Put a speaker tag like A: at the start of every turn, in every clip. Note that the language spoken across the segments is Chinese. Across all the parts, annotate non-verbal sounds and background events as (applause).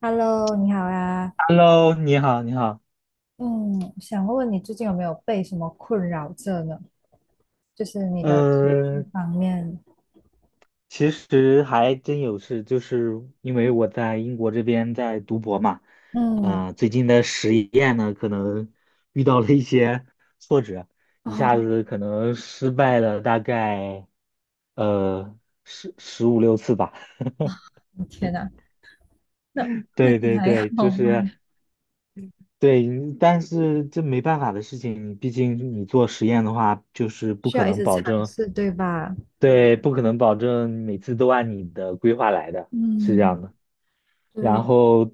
A: Hello，你好呀。
B: Hello，你好，你好。
A: 嗯，想问问你最近有没有被什么困扰着呢？就是你的情绪
B: 嗯，
A: 方面。
B: 其实还真有事，就是因为我在英国这边在读博嘛，
A: 嗯。
B: 最近的实验呢，可能 (laughs) 遇到了一些 (laughs) 挫折，一
A: 哦。
B: 下子可能失败了大概呃十五六次吧。
A: 我天哪，那
B: (laughs)
A: 那
B: 对
A: 你
B: 对
A: 还
B: 对，就
A: 好吗？
B: 是对，但是这没办法的事情，毕竟你做实验的话，就是不
A: 需
B: 可
A: 要一
B: 能
A: 直
B: 保
A: 尝
B: 证。
A: 试，对吧？
B: 对，不可能保证每次都按你的规划来的，是这
A: 嗯。
B: 样的。然
A: 对。
B: 后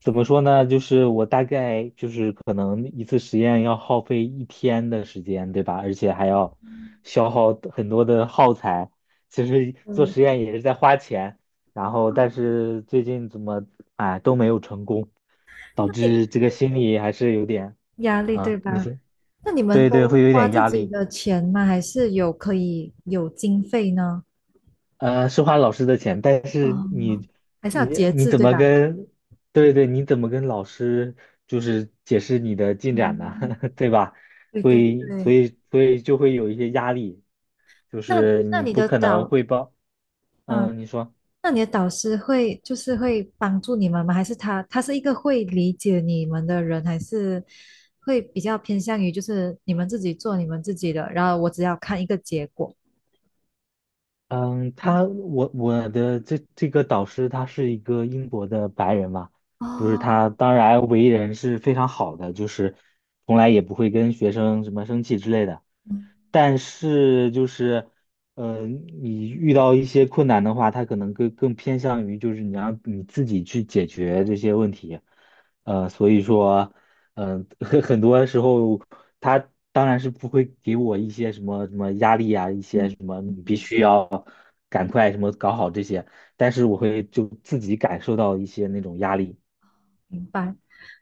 B: 怎么说呢？就是我大概就是可能一次实验要耗费一天的时间，对吧？而且还要消耗很多的耗材。其实做
A: 对。
B: 实验也是在花钱，然后但是最近怎么哎都没有成功，导
A: 那你
B: 致这个心里还是有点
A: 压力对
B: 啊，你
A: 吧？
B: 说
A: 那你们
B: 对对，
A: 都
B: 会有一
A: 花
B: 点
A: 自
B: 压
A: 己
B: 力。
A: 的钱吗？还是有可以有经费呢？
B: 是花老师的钱，但是
A: 嗯，
B: 你
A: 还是要
B: 你
A: 节
B: 你
A: 制，
B: 怎
A: 对
B: 么
A: 吧？
B: 跟，对对，你怎么跟老师就是解释你的进展呢？
A: 嗯，
B: (laughs) 对吧？
A: 对
B: 所
A: 对
B: 以所
A: 对。
B: 以所以就会有一些压力，就
A: 那
B: 是
A: 那
B: 你
A: 你
B: 不
A: 的
B: 可能
A: 导，
B: 汇报，
A: 啊，
B: 嗯，你说。
A: 那你的导师会就是会帮助你们吗？还是他是一个会理解你们的人，还是会比较偏向于就是你们自己做你们自己的，然后我只要看一个结果。
B: 嗯，我的这个导师他是一个英国的白人嘛，就是
A: 哦。
B: 他当然为人是非常好的，就是从来也不会跟学生什么生气之类的。
A: 嗯
B: 但是就是，你遇到一些困难的话，他可能更偏向于就是你让你自己去解决这些问题。所以说，(laughs) 很多时候他当然是不会给我一些什么什么压力啊，一些
A: 嗯
B: 什么你必
A: 嗯。
B: 须要。赶快什么搞好这些，但是我会就自己感受到一些那种压力。
A: 明白。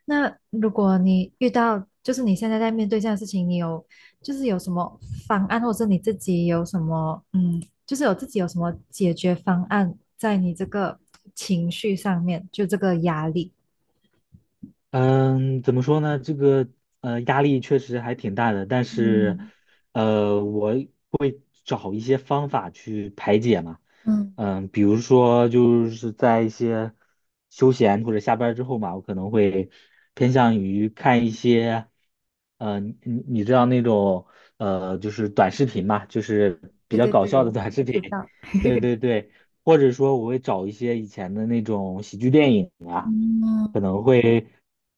A: 那如果你遇到就是你现在在面对这样的事情，你有就是有什么方案，或者是你自己有什么就是有自己有什么解决方案在你这个情绪上面，就这个压力。
B: 嗯，怎么说呢？这个压力确实还挺大的，但是
A: 嗯。
B: 我找一些方法去排解嘛。
A: 嗯，
B: 比如说就是在一些休闲或者下班儿之后嘛，我可能会偏向于看一些，你知道那种就是短视频嘛，就是比
A: 对
B: 较
A: 对
B: 搞笑的
A: 对，
B: 短视
A: 我
B: 频，
A: 知道。
B: (laughs) 对
A: (laughs)
B: 对对，或者说我会找一些以前的那种喜剧电影啊，
A: 嗯，
B: 可能会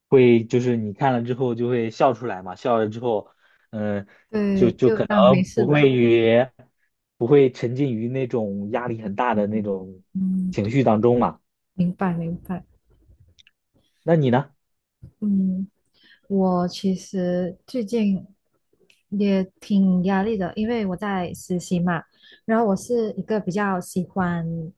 B: 会就是你看了之后就会笑出来嘛，笑了之后。嗯，
A: 对，就
B: 然
A: 当
B: 后
A: 没事了。
B: 不会沉浸于那种压力很大的那
A: 嗯
B: 种
A: 嗯，
B: 情绪当中嘛。
A: 明白明白。
B: 那你呢？
A: 嗯，我其实最近也挺压力的，因为我在实习嘛。然后我是一个比较喜欢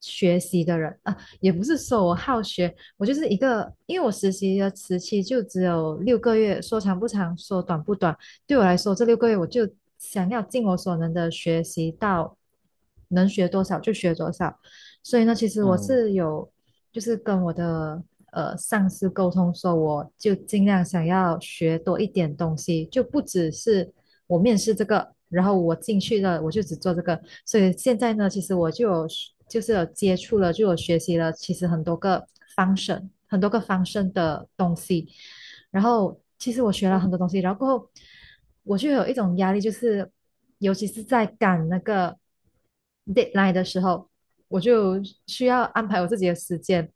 A: 学习的人啊，也不是说我好学，我就是一个，因为我实习的时期就只有六个月，说长不长，说短不短。对我来说，这六个月我就想要尽我所能的学习到能学多少就学多少。所以呢，其实我
B: 嗯，
A: 是有就是跟我的上司沟通说，我就尽量想要学多一点东西，就不只是我面试这个，然后我进去了我就只做这个。所以现在呢，其实我就有就是有接触了，就有学习了，其实很多个 function 的东西，然后其实我学了很多东西，然后过后我就有一种压力，就是尤其是在赶那个 deadline 的时候。我就需要安排我自己的时间。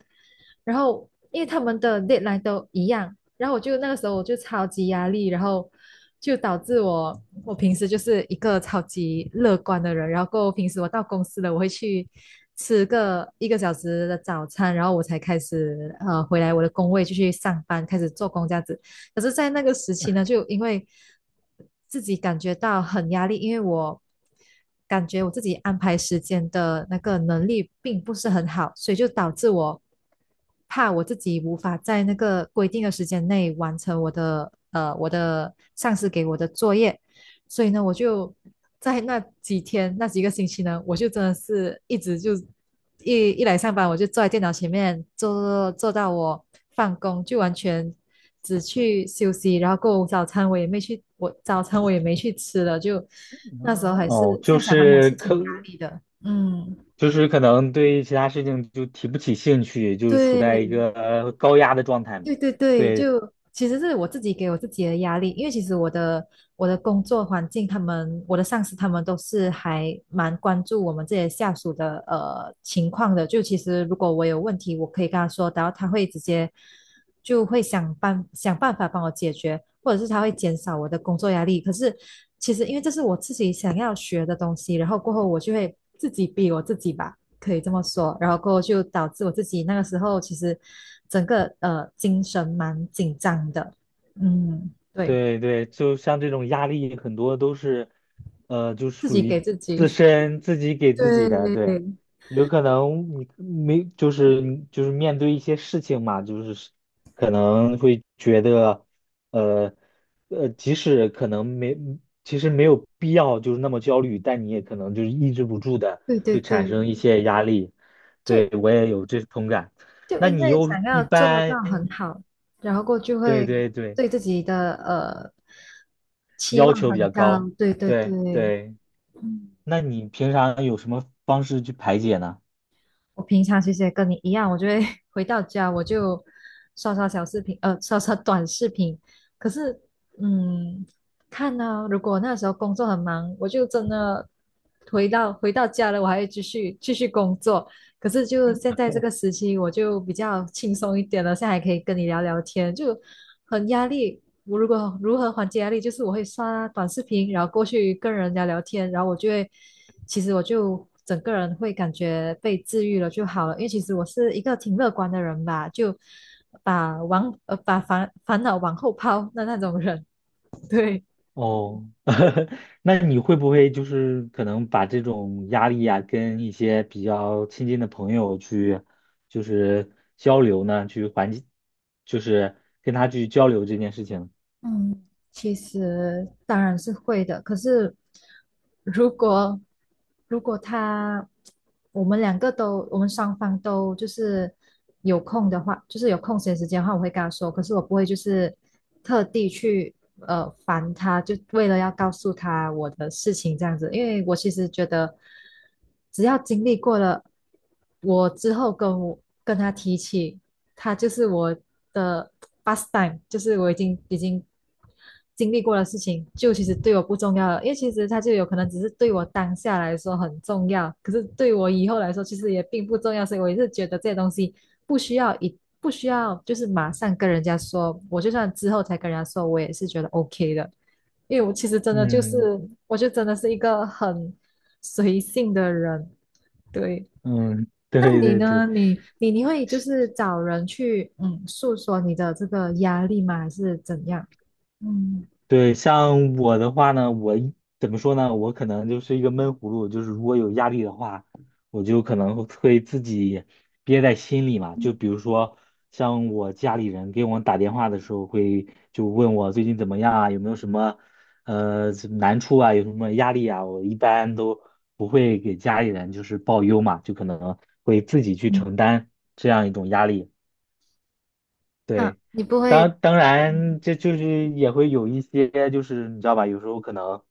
A: 然后因为他们的 deadline 都一样，然后我就那个时候我就超级压力，然后就导致我平时就是一个超级乐观的人，然后平时我到公司了，我会去吃个一个小时的早餐，然后我才开始回来我的工位就去上班，开始做工这样子。可是，在那个时期呢，就因为自己感觉到很压力，因为我感觉我自己安排时间的那个能力并不是很好，所以就导致我怕我自己无法在那个规定的时间内完成我的我的上司给我的作业，所以呢，我就在那几天那几个星期呢，我就真的是一直就一来上班我就坐在电脑前面坐到我放工，就完全只去休息，然后过后早餐我也没去，我早餐我也没去吃了，就那时候还是
B: 哦，
A: 现
B: 就
A: 在想回还
B: 是
A: 是挺压力的，嗯。
B: 就是可能对其他事情就提不起兴趣，就是处在一
A: 对。
B: 个高压的状态嘛。
A: 对对对。
B: 对，
A: 就其实是我自己给我自己的压力，因为其实我的我的工作环境，他们我的上司他们都是还蛮关注我们这些下属的情况的。就其实如果我有问题，我可以跟他说，然后他会直接就会想办法帮我解决，或者是他会减少我的工作压力。可是其实因为这是我自己想要学的东西，然后过后我就会自己逼我自己吧。可以这么说。然后过后就导致我自己那个时候其实整个精神蛮紧张的，嗯，对，
B: 对对，就像这种压力，很多都是，呃，就
A: 自
B: 属
A: 己给
B: 于
A: 自己，
B: 自己给自己
A: 对，
B: 的。对，有可能你没，就是面对一些事情嘛，就是可能会觉得，呃即使可能没，其实没有必要就是那么焦虑，但你也可能就是抑制不住的
A: 对对
B: 会产
A: 对，
B: 生一些压力。
A: 就
B: 对，我也有这同感。
A: 就
B: 那
A: 因
B: 你
A: 为
B: 又
A: 想
B: 一
A: 要做到
B: 般，
A: 很好，然后过后就
B: 对
A: 会
B: 对对。
A: 对自己的期
B: 要
A: 望
B: 求比
A: 很
B: 较
A: 高，
B: 高。
A: 对对
B: 对
A: 对，
B: 对，
A: 嗯。
B: 那你平常有什么方式去排解呢？
A: 我平常其实也跟你一样，我就会 (laughs) 回到家我就刷刷小视频，刷刷短视频。可是，嗯，看呢、如果那时候工作很忙，我就真的回到家了，我还会继续工作。可是就现在这个时期，我就比较轻松一点了，现在还可以跟你聊聊天，就很压力。我如果如何缓解压力，就是我会刷短视频，然后过去跟人家聊天，然后我就会，其实我就整个人会感觉被治愈了就好了。因为其实我是一个挺乐观的人吧，就把把烦恼往后抛的那种人，(laughs) 对。
B: 哦，(laughs) 那你会不会就是可能把这种压力呀、跟一些比较亲近的朋友去，就是交流呢，去缓解，就是跟他去交流这件事情。
A: 嗯，其实当然是会的，可是如果如果他我们双方都就是有空的话，就是有空闲时间的话，我会跟他说，可是我不会就是特地去烦他，就为了要告诉他我的事情这样子，因为我其实觉得只要经历过了，我之后跟我跟他提起，他就是我的 pastime，就是我已经。经历过的事情，就其实对我不重要了，因为其实它就有可能只是对我当下来说很重要，可是对我以后来说其实也并不重要，所以我也是觉得这些东西不需要就是马上跟人家说，我就算之后才跟人家说，我也是觉得 OK 的，因为我其实真的就
B: 嗯
A: 是，我就真的是一个很随性的人，对。
B: 嗯，
A: 那
B: 对
A: 你
B: 对
A: 呢？
B: 对。
A: 你你会就是找人去诉说你的这个压力吗？还是怎样？嗯。
B: 对，像我的话呢，怎么说呢？我可能就是一个闷葫芦，就是如果有压力的话，我就可能会自己憋在心里嘛。就比如说，像我家里人给我打电话的时候，会就问我最近怎么样啊，有没有什么难处啊，有什么压力啊，我一般都不会给家里人就是报忧嘛，就可能会自己去承担这样一种压力。
A: 那
B: 对，
A: 你不会，
B: 当然，
A: 嗯
B: 这就是也会有一些，就是你知道吧，有时候可能，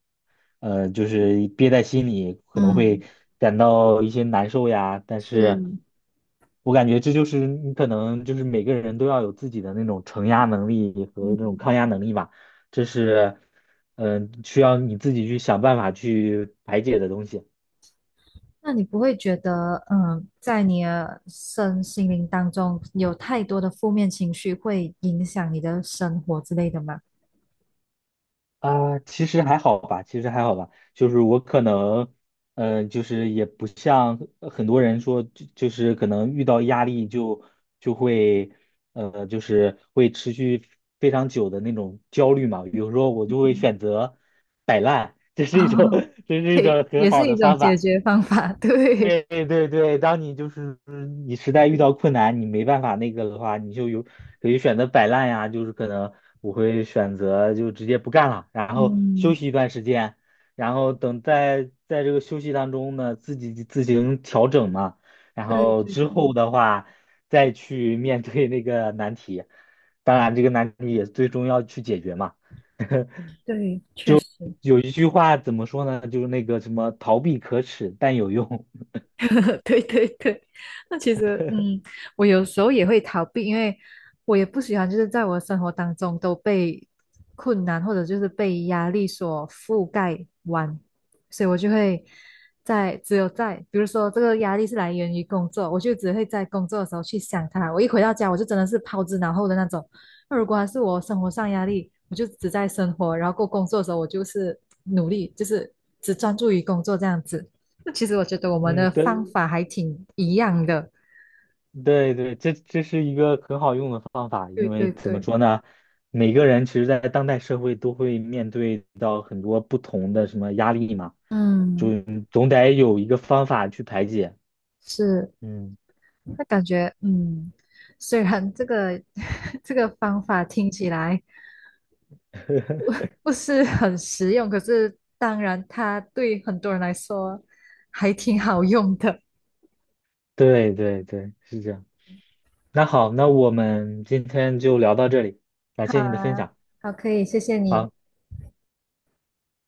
B: 就是憋在心里，可能
A: 嗯，
B: 会感到一些难受呀。但是，
A: 是，
B: 我感觉这就是你可能就是每个人都要有自己的那种承压能力和那种
A: 嗯，
B: 抗压能力吧，这是，需要你自己去想办法去排解的东西。
A: 那你不会觉得，嗯，在你的身心灵当中有太多的负面情绪会影响你的生活之类的吗？
B: 啊，其实还好吧，其实还好吧，就是我可能，就是也不像很多人说，就是可能遇到压力就会，就是会持续非常久的那种焦虑嘛。比如说，我就会选择摆烂，这
A: (laughs) 哦，
B: 是一种，(laughs) 这是一
A: 对，
B: 种很
A: 也
B: 好
A: 是一
B: 的
A: 种
B: 方
A: 解
B: 法。
A: 决方法，对，
B: 对对对，当你就是你实在遇到困难，你没办法那个的话，你就有可以选择摆烂呀，就是可能我会选择就直接不干了，然后休
A: 嗯，
B: 息一段时间，然后等在这个休息当中呢，自己自行调整嘛，然
A: 对
B: 后
A: 对
B: 之
A: 对
B: 后的话再去面对那个难题，当然这个难题也最终要去解决嘛。
A: 对，确实，
B: 有一句话怎么说呢？就是那个什么逃避可耻但有用，
A: (laughs) 对对对，那其实，嗯，我有时候也会逃避，因为我也不喜欢，就是在我的生活当中都被困难或者就是被压力所覆盖完，所以我就会在只有在，比如说这个压力是来源于工作，我就只会在工作的时候去想它。我一回到家，我就真的是抛之脑后的那种。那如果还是我生活上压力，我就只在生活，然后过工作的时候，我就是努力，就是只专注于工作这样子。那其实我觉得我
B: (laughs)
A: 们
B: 嗯，
A: 的方
B: 对。
A: 法还挺一样的。
B: 对对，这是一个很好用的方法，
A: 对
B: 因为
A: 对
B: 怎么
A: 对，
B: 说呢，每个人其实，在当代社会都会面对到很多不同的什么压力嘛，就
A: 嗯，
B: 总得有一个方法去排解。
A: 是，
B: 嗯，
A: 那感觉，嗯，虽然这个 (laughs) 这个方法听起来不是很实用，可是当然它对很多人来说还挺好用的。
B: 对对对，是这样。那好，那我们今天就聊到这里，感
A: 好
B: 谢你的分
A: 啊，
B: 享。
A: 好，可以，谢谢你。
B: 好。